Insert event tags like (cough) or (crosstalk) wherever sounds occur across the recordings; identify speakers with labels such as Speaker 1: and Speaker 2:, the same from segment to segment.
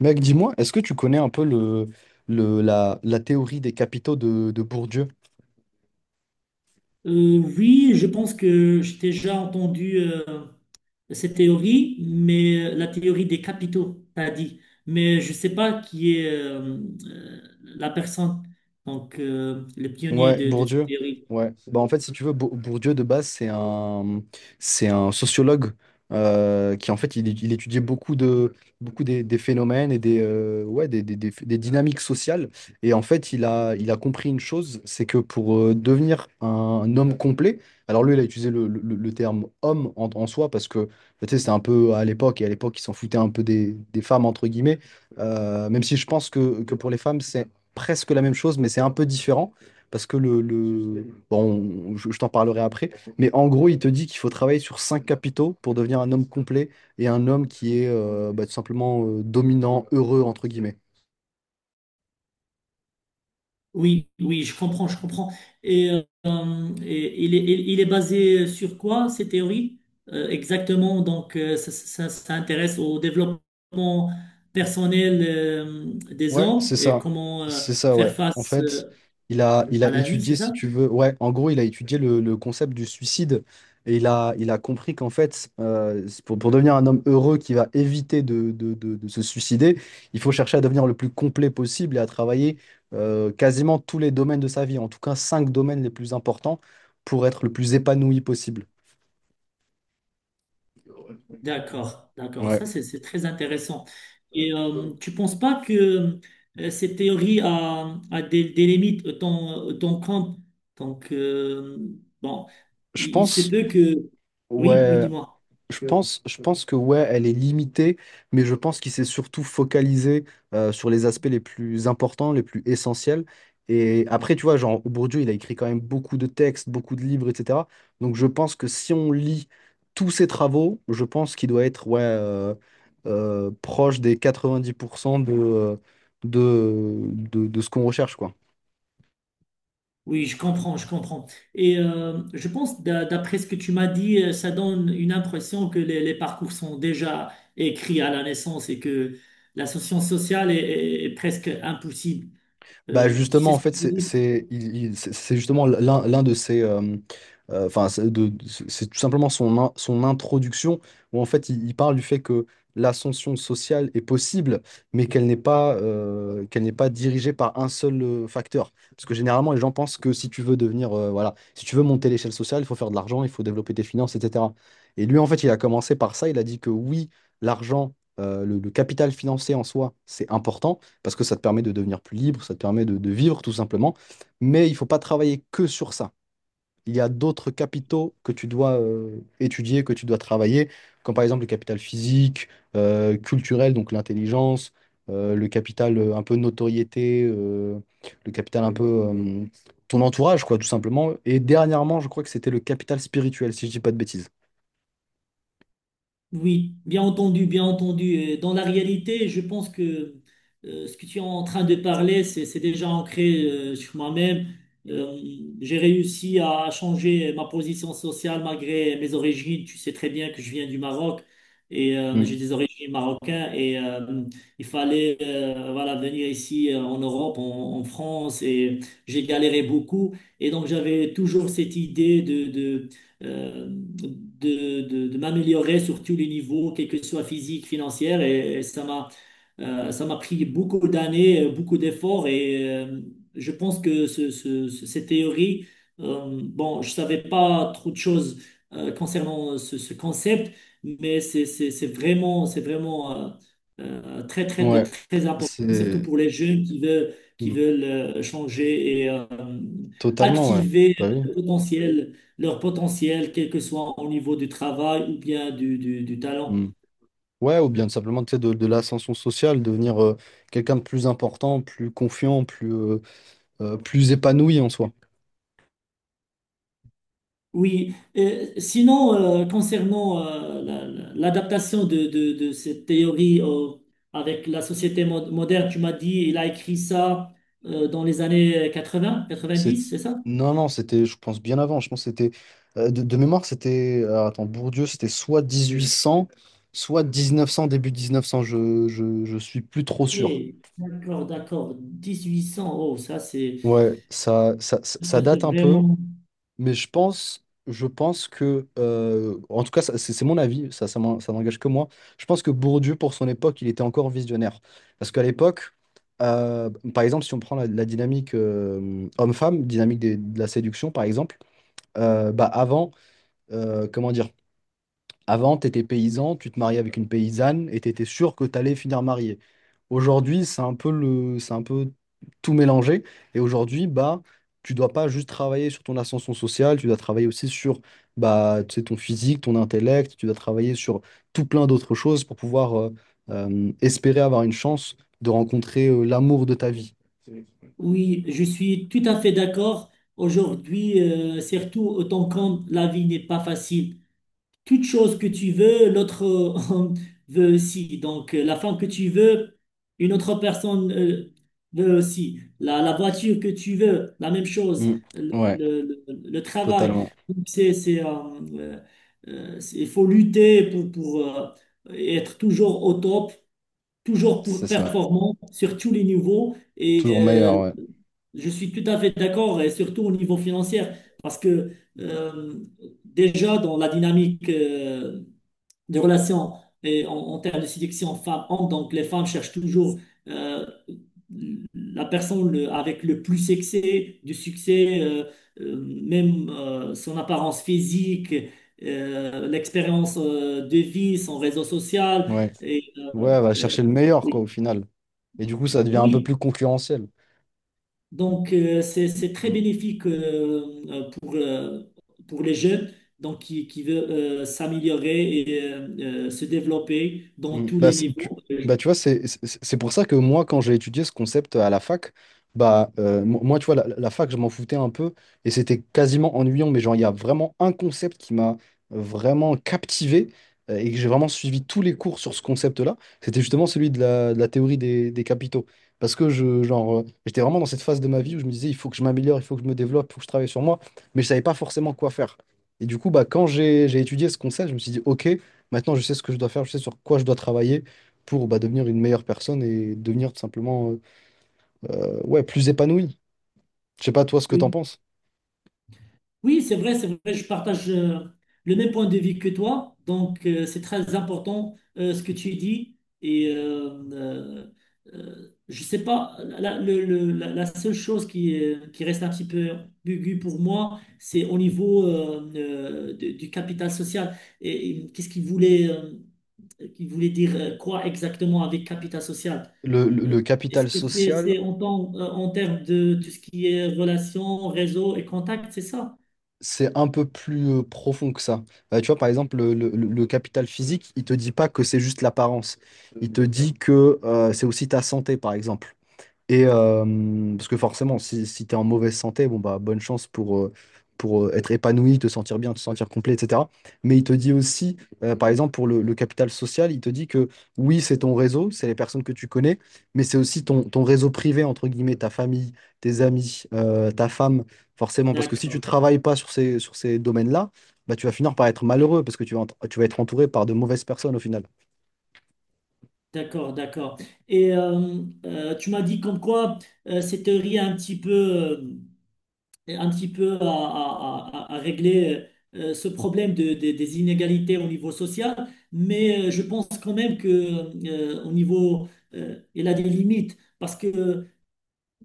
Speaker 1: Mec, dis-moi, est-ce que tu connais un peu la théorie des capitaux de Bourdieu?
Speaker 2: Oui, je pense que j'ai déjà entendu cette théorie, mais la théorie des capitaux, t'as dit. Mais je ne sais pas qui est la personne, donc le pionnier
Speaker 1: Ouais,
Speaker 2: de cette
Speaker 1: Bourdieu.
Speaker 2: théorie.
Speaker 1: Ouais. Bah, en fait, si tu veux, Bourdieu, de base, c'est un sociologue, qui, en fait, il étudiait beaucoup des phénomènes et ouais, des dynamiques sociales. Et en fait, il a compris une chose, c'est que pour devenir un homme complet. Alors lui, il a utilisé le terme homme en soi parce que, bah, tu sais, c'était un peu à l'époque, et à l'époque, il s'en foutait un peu des femmes, entre guillemets. Même si je pense que pour les femmes, c'est presque la même chose, mais c'est un peu différent parce que bon, je t'en parlerai après. Mais en gros, il te dit qu'il faut travailler sur cinq capitaux pour devenir un homme complet et un homme qui est, bah, tout simplement, dominant, heureux, entre guillemets.
Speaker 2: Oui, oui, je comprends, je comprends. Et il est basé sur quoi, cette théorie? Exactement, donc ça intéresse au développement personnel des
Speaker 1: Ouais,
Speaker 2: hommes
Speaker 1: c'est
Speaker 2: et
Speaker 1: ça.
Speaker 2: comment
Speaker 1: C'est ça, ouais.
Speaker 2: faire
Speaker 1: En
Speaker 2: face
Speaker 1: fait, il a
Speaker 2: à la vie, c'est
Speaker 1: étudié, si
Speaker 2: ça?
Speaker 1: tu veux, ouais, en gros, il a étudié le concept du suicide, et il a compris qu'en fait, c'est pour devenir un homme heureux qui va éviter de se suicider. Il faut chercher à devenir le plus complet possible et à travailler, quasiment tous les domaines de sa vie, en tout cas cinq domaines les plus importants pour être le plus épanoui possible.
Speaker 2: D'accord, d'accord.
Speaker 1: Ouais.
Speaker 2: Ça, c'est très intéressant. Et tu penses pas que cette théorie a des limites autant, donc, bon,
Speaker 1: Je
Speaker 2: il se
Speaker 1: pense,
Speaker 2: peut que... Oui, oui,
Speaker 1: ouais,
Speaker 2: dis-moi.
Speaker 1: je pense que ouais, elle est limitée, mais je pense qu'il s'est surtout focalisé, sur les aspects les plus importants, les plus essentiels. Et après, tu vois, genre, Bourdieu, il a écrit quand même beaucoup de textes, beaucoup de livres, etc. Donc je pense que si on lit tous ses travaux, je pense qu'il doit être ouais, proche des 90% de ce qu'on recherche, quoi.
Speaker 2: Oui, je comprends, je comprends. Et je pense, d'après ce que tu m'as dit, ça donne une impression que les parcours sont déjà écrits à la naissance et que la science sociale est presque impossible.
Speaker 1: Bah
Speaker 2: Tu
Speaker 1: justement,
Speaker 2: sais
Speaker 1: en
Speaker 2: ce que
Speaker 1: fait,
Speaker 2: je veux
Speaker 1: c'est
Speaker 2: dire?
Speaker 1: c'est- il- il- c'est- c'est justement l'un de ses enfin, c'est tout simplement son introduction où en fait, il parle du fait que l'ascension sociale est possible, mais qu'elle n'est pas dirigée par un seul, facteur. Parce que généralement, les gens pensent que si tu veux devenir, voilà, si tu veux monter l'échelle sociale, il faut faire de l'argent, il faut développer tes finances, etc. Et lui, en fait, il a commencé par ça. Il a dit que oui, l'argent, le capital financier en soi, c'est important parce que ça te permet de devenir plus libre, ça te permet de vivre tout simplement. Mais il ne faut pas travailler que sur ça. Il y a d'autres capitaux que tu dois, étudier, que tu dois travailler, comme par exemple le capital physique, culturel, donc l'intelligence, le capital, un peu notoriété, le capital un peu, ton entourage, quoi, tout simplement. Et dernièrement, je crois que c'était le capital spirituel, si je dis pas de bêtises.
Speaker 2: Oui, bien entendu, bien entendu. Dans la réalité, je pense que ce que tu es en train de parler, c'est déjà ancré sur moi-même. Euh, j'ai réussi à changer ma position sociale malgré mes origines. Tu sais très bien que je viens du Maroc et j'ai
Speaker 1: Mm.
Speaker 2: des origines marocaines. Et il fallait voilà, venir ici en Europe, en France, et j'ai galéré beaucoup. Et donc j'avais toujours cette idée de de m'améliorer sur tous les niveaux, quel que soit physique, financier. Et ça m'a pris beaucoup d'années, beaucoup d'efforts. Et je pense que cette théorie, bon, je savais pas trop de choses concernant ce concept, mais c'est vraiment très, très, de
Speaker 1: Ouais,
Speaker 2: très important, surtout
Speaker 1: c'est.
Speaker 2: pour les jeunes qui
Speaker 1: Mm.
Speaker 2: veulent changer et
Speaker 1: Totalement, ouais.
Speaker 2: activer
Speaker 1: Bah oui.
Speaker 2: le potentiel leur potentiel, quel que soit au niveau du travail ou bien du talent.
Speaker 1: Mm. Ouais, ou bien tout simplement, tu sais, de l'ascension sociale, devenir, quelqu'un de plus important, plus confiant, plus épanoui en soi.
Speaker 2: Oui. Sinon, concernant l'adaptation de cette théorie avec la société moderne, tu m'as dit, il a écrit ça dans les années 80,
Speaker 1: C'est...
Speaker 2: 90, c'est ça?
Speaker 1: Non, non, c'était, je pense, bien avant. Je pense que c'était, de mémoire, c'était, alors, attends, Bourdieu, c'était soit 1800, soit 1900, début 1900. Je suis plus trop sûr.
Speaker 2: Oui, d'accord, d'accord. 1800, oh, ça
Speaker 1: Ouais, ça
Speaker 2: c'est
Speaker 1: date un peu.
Speaker 2: vraiment...
Speaker 1: Mais je pense que, en tout cas, c'est mon avis, ça n'engage que moi. Je pense que Bourdieu, pour son époque, il était encore visionnaire. Parce qu'à l'époque, par exemple, si on prend la dynamique, homme-femme, dynamique de la séduction, par exemple, bah avant, comment dire, avant, tu étais paysan, tu te mariais avec une paysanne et tu étais sûr que tu allais finir marié. Aujourd'hui, c'est un peu tout mélangé. Et aujourd'hui, bah, tu dois pas juste travailler sur ton ascension sociale, tu dois travailler aussi sur, bah, tu sais, ton physique, ton intellect, tu dois travailler sur tout plein d'autres choses pour pouvoir, espérer avoir une chance de rencontrer, l'amour de ta vie.
Speaker 2: Oui, je suis tout à fait d'accord. Aujourd'hui, surtout autant quand la vie n'est pas facile. Toute chose que tu veux, l'autre (laughs) veut aussi. Donc, la femme que tu veux, une autre personne veut aussi. La voiture que tu veux, la même chose.
Speaker 1: Mm. Ouais,
Speaker 2: Le travail.
Speaker 1: totalement.
Speaker 2: Donc, euh, il faut lutter pour être toujours au top, toujours pour
Speaker 1: C'est ça.
Speaker 2: performant sur tous les niveaux. Et
Speaker 1: Toujours meilleur, ouais.
Speaker 2: je suis tout à fait d'accord, et surtout au niveau financier, parce que euh, déjà dans la dynamique des relations et en termes de sélection femmes-hommes. Donc, les femmes cherchent toujours euh, la personne avec le plus succès, du succès, même son apparence physique, l'expérience de vie, son réseau social.
Speaker 1: Ouais.
Speaker 2: Et,
Speaker 1: Ouais, elle va
Speaker 2: euh,
Speaker 1: chercher le meilleur, quoi, au
Speaker 2: oui.
Speaker 1: final. Et du coup, ça devient un peu
Speaker 2: Oui,
Speaker 1: plus concurrentiel.
Speaker 2: donc c'est très bénéfique pour les jeunes donc qui veulent s'améliorer et se développer dans
Speaker 1: Mm.
Speaker 2: tous
Speaker 1: Bah,
Speaker 2: les niveaux.
Speaker 1: bah, tu vois, c'est pour ça que moi, quand j'ai étudié ce concept à la fac, bah, moi, tu vois, la fac, je m'en foutais un peu et c'était quasiment ennuyant, mais genre, il y a vraiment un concept qui m'a, vraiment captivé, et que j'ai vraiment suivi tous les cours sur ce concept-là. C'était justement celui de la théorie des capitaux. Parce que genre, j'étais vraiment dans cette phase de ma vie où je me disais, il faut que je m'améliore, il faut que je me développe, il faut que je travaille sur moi, mais je savais pas forcément quoi faire. Et du coup, bah, quand j'ai étudié ce concept, je me suis dit, OK. Maintenant, je sais ce que je dois faire, je sais sur quoi je dois travailler pour, bah, devenir une meilleure personne et devenir tout simplement, ouais, plus épanoui. Je sais pas toi ce que t'en
Speaker 2: Oui,
Speaker 1: penses.
Speaker 2: oui, c'est vrai, je partage le même point de vue que toi. Donc, c'est très important ce que tu dis. Et je sais pas, la, le- la- la seule chose qui reste un petit peu ambiguë pour moi, c'est au niveau du capital social. Et qu'est-ce qu'il voulait dire quoi exactement avec capital social?
Speaker 1: Le, le-
Speaker 2: Euh,
Speaker 1: le
Speaker 2: Est-ce
Speaker 1: capital
Speaker 2: que c'est
Speaker 1: social,
Speaker 2: c'est en termes de tout ce qui est relations, réseau et contacts, c'est ça?
Speaker 1: c'est un peu plus, profond que ça. Bah, tu vois, par exemple, le capital physique, il te dit pas que c'est juste l'apparence. Il te dit que, c'est aussi ta santé, par exemple. Et parce que forcément, si tu es en mauvaise santé, bon bah bonne chance pour, être épanoui, te sentir bien, te sentir complet, etc. Mais il te dit aussi, par exemple, pour le capital social, il te dit que oui, c'est ton réseau, c'est les personnes que tu connais, mais c'est aussi ton réseau privé, entre guillemets, ta famille, tes amis, ta femme, forcément. Parce que si tu
Speaker 2: D'accord,
Speaker 1: travailles pas sur ces domaines-là, bah, tu vas finir par être malheureux parce que tu vas être entouré par de mauvaises personnes au final.
Speaker 2: d'accord, d'accord. Et tu m'as dit comme quoi cette théorie a un petit peu à régler ce problème des inégalités au niveau social, mais je pense quand même que au niveau, il a des limites parce que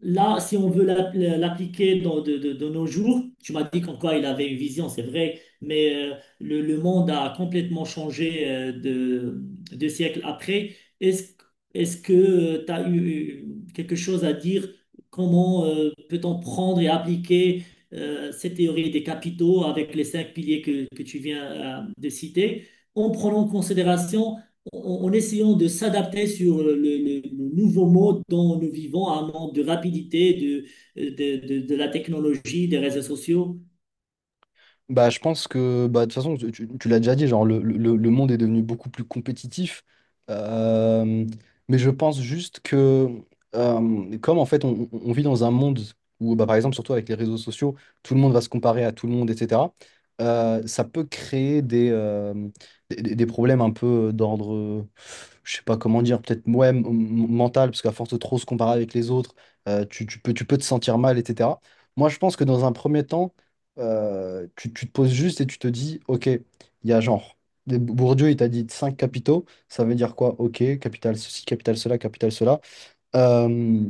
Speaker 2: là, si on veut l'appliquer de nos jours, tu m'as dit qu'encore il avait une vision, c'est vrai, mais le monde a complètement changé deux siècles après. Est-ce que tu as eu quelque chose à dire? Comment peut-on prendre et appliquer cette théorie des capitaux avec les cinq piliers que tu viens de citer, en prenant en considération en en essayant de s'adapter sur le nouveau mode dont nous vivons, un monde de rapidité, de la technologie, des réseaux sociaux.
Speaker 1: Bah, je pense que bah, de toute façon, tu l'as déjà dit, genre, le monde est devenu beaucoup plus compétitif. Euh, mais je pense juste que, comme en fait, on vit dans un monde où, bah, par exemple, surtout avec les réseaux sociaux, tout le monde va se comparer à tout le monde, etc. Ça peut créer des problèmes un peu d'ordre, je sais pas comment dire, peut-être ouais, mental, parce qu'à force de trop se comparer avec les autres, tu peux te sentir mal, etc. Moi, je pense que dans un premier temps, tu te poses juste et tu te dis, ok, il y a genre, Bourdieu, il t'a dit 5 capitaux, ça veut dire quoi? Ok, capital ceci, capital cela, capital cela. Euh,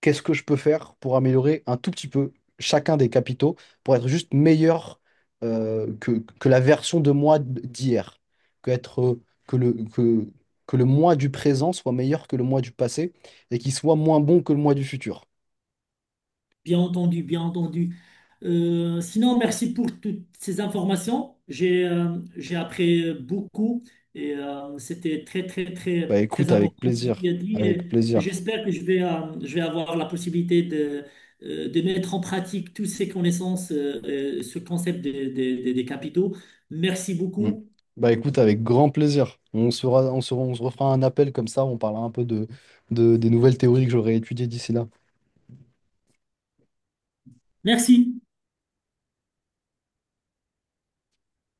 Speaker 1: Qu'est-ce que je peux faire pour améliorer un tout petit peu chacun des capitaux pour être juste meilleur, que la version de moi d'hier? Que être, que le, que, que le moi du présent soit meilleur que le moi du passé et qu'il soit moins bon que le moi du futur.
Speaker 2: Bien entendu, bien entendu. Sinon, merci pour toutes ces informations. J'ai appris beaucoup et c'était très, très,
Speaker 1: Bah
Speaker 2: très,
Speaker 1: écoute,
Speaker 2: très
Speaker 1: avec
Speaker 2: important ce
Speaker 1: plaisir,
Speaker 2: qu'il a dit.
Speaker 1: avec
Speaker 2: Et
Speaker 1: plaisir.
Speaker 2: j'espère que je vais avoir la possibilité de mettre en pratique toutes ces connaissances, ce concept des capitaux. Merci
Speaker 1: Mm.
Speaker 2: beaucoup.
Speaker 1: Bah écoute, avec grand plaisir. On se refera un appel comme ça, on parlera un peu des nouvelles théories que j'aurai étudiées d'ici là.
Speaker 2: Merci.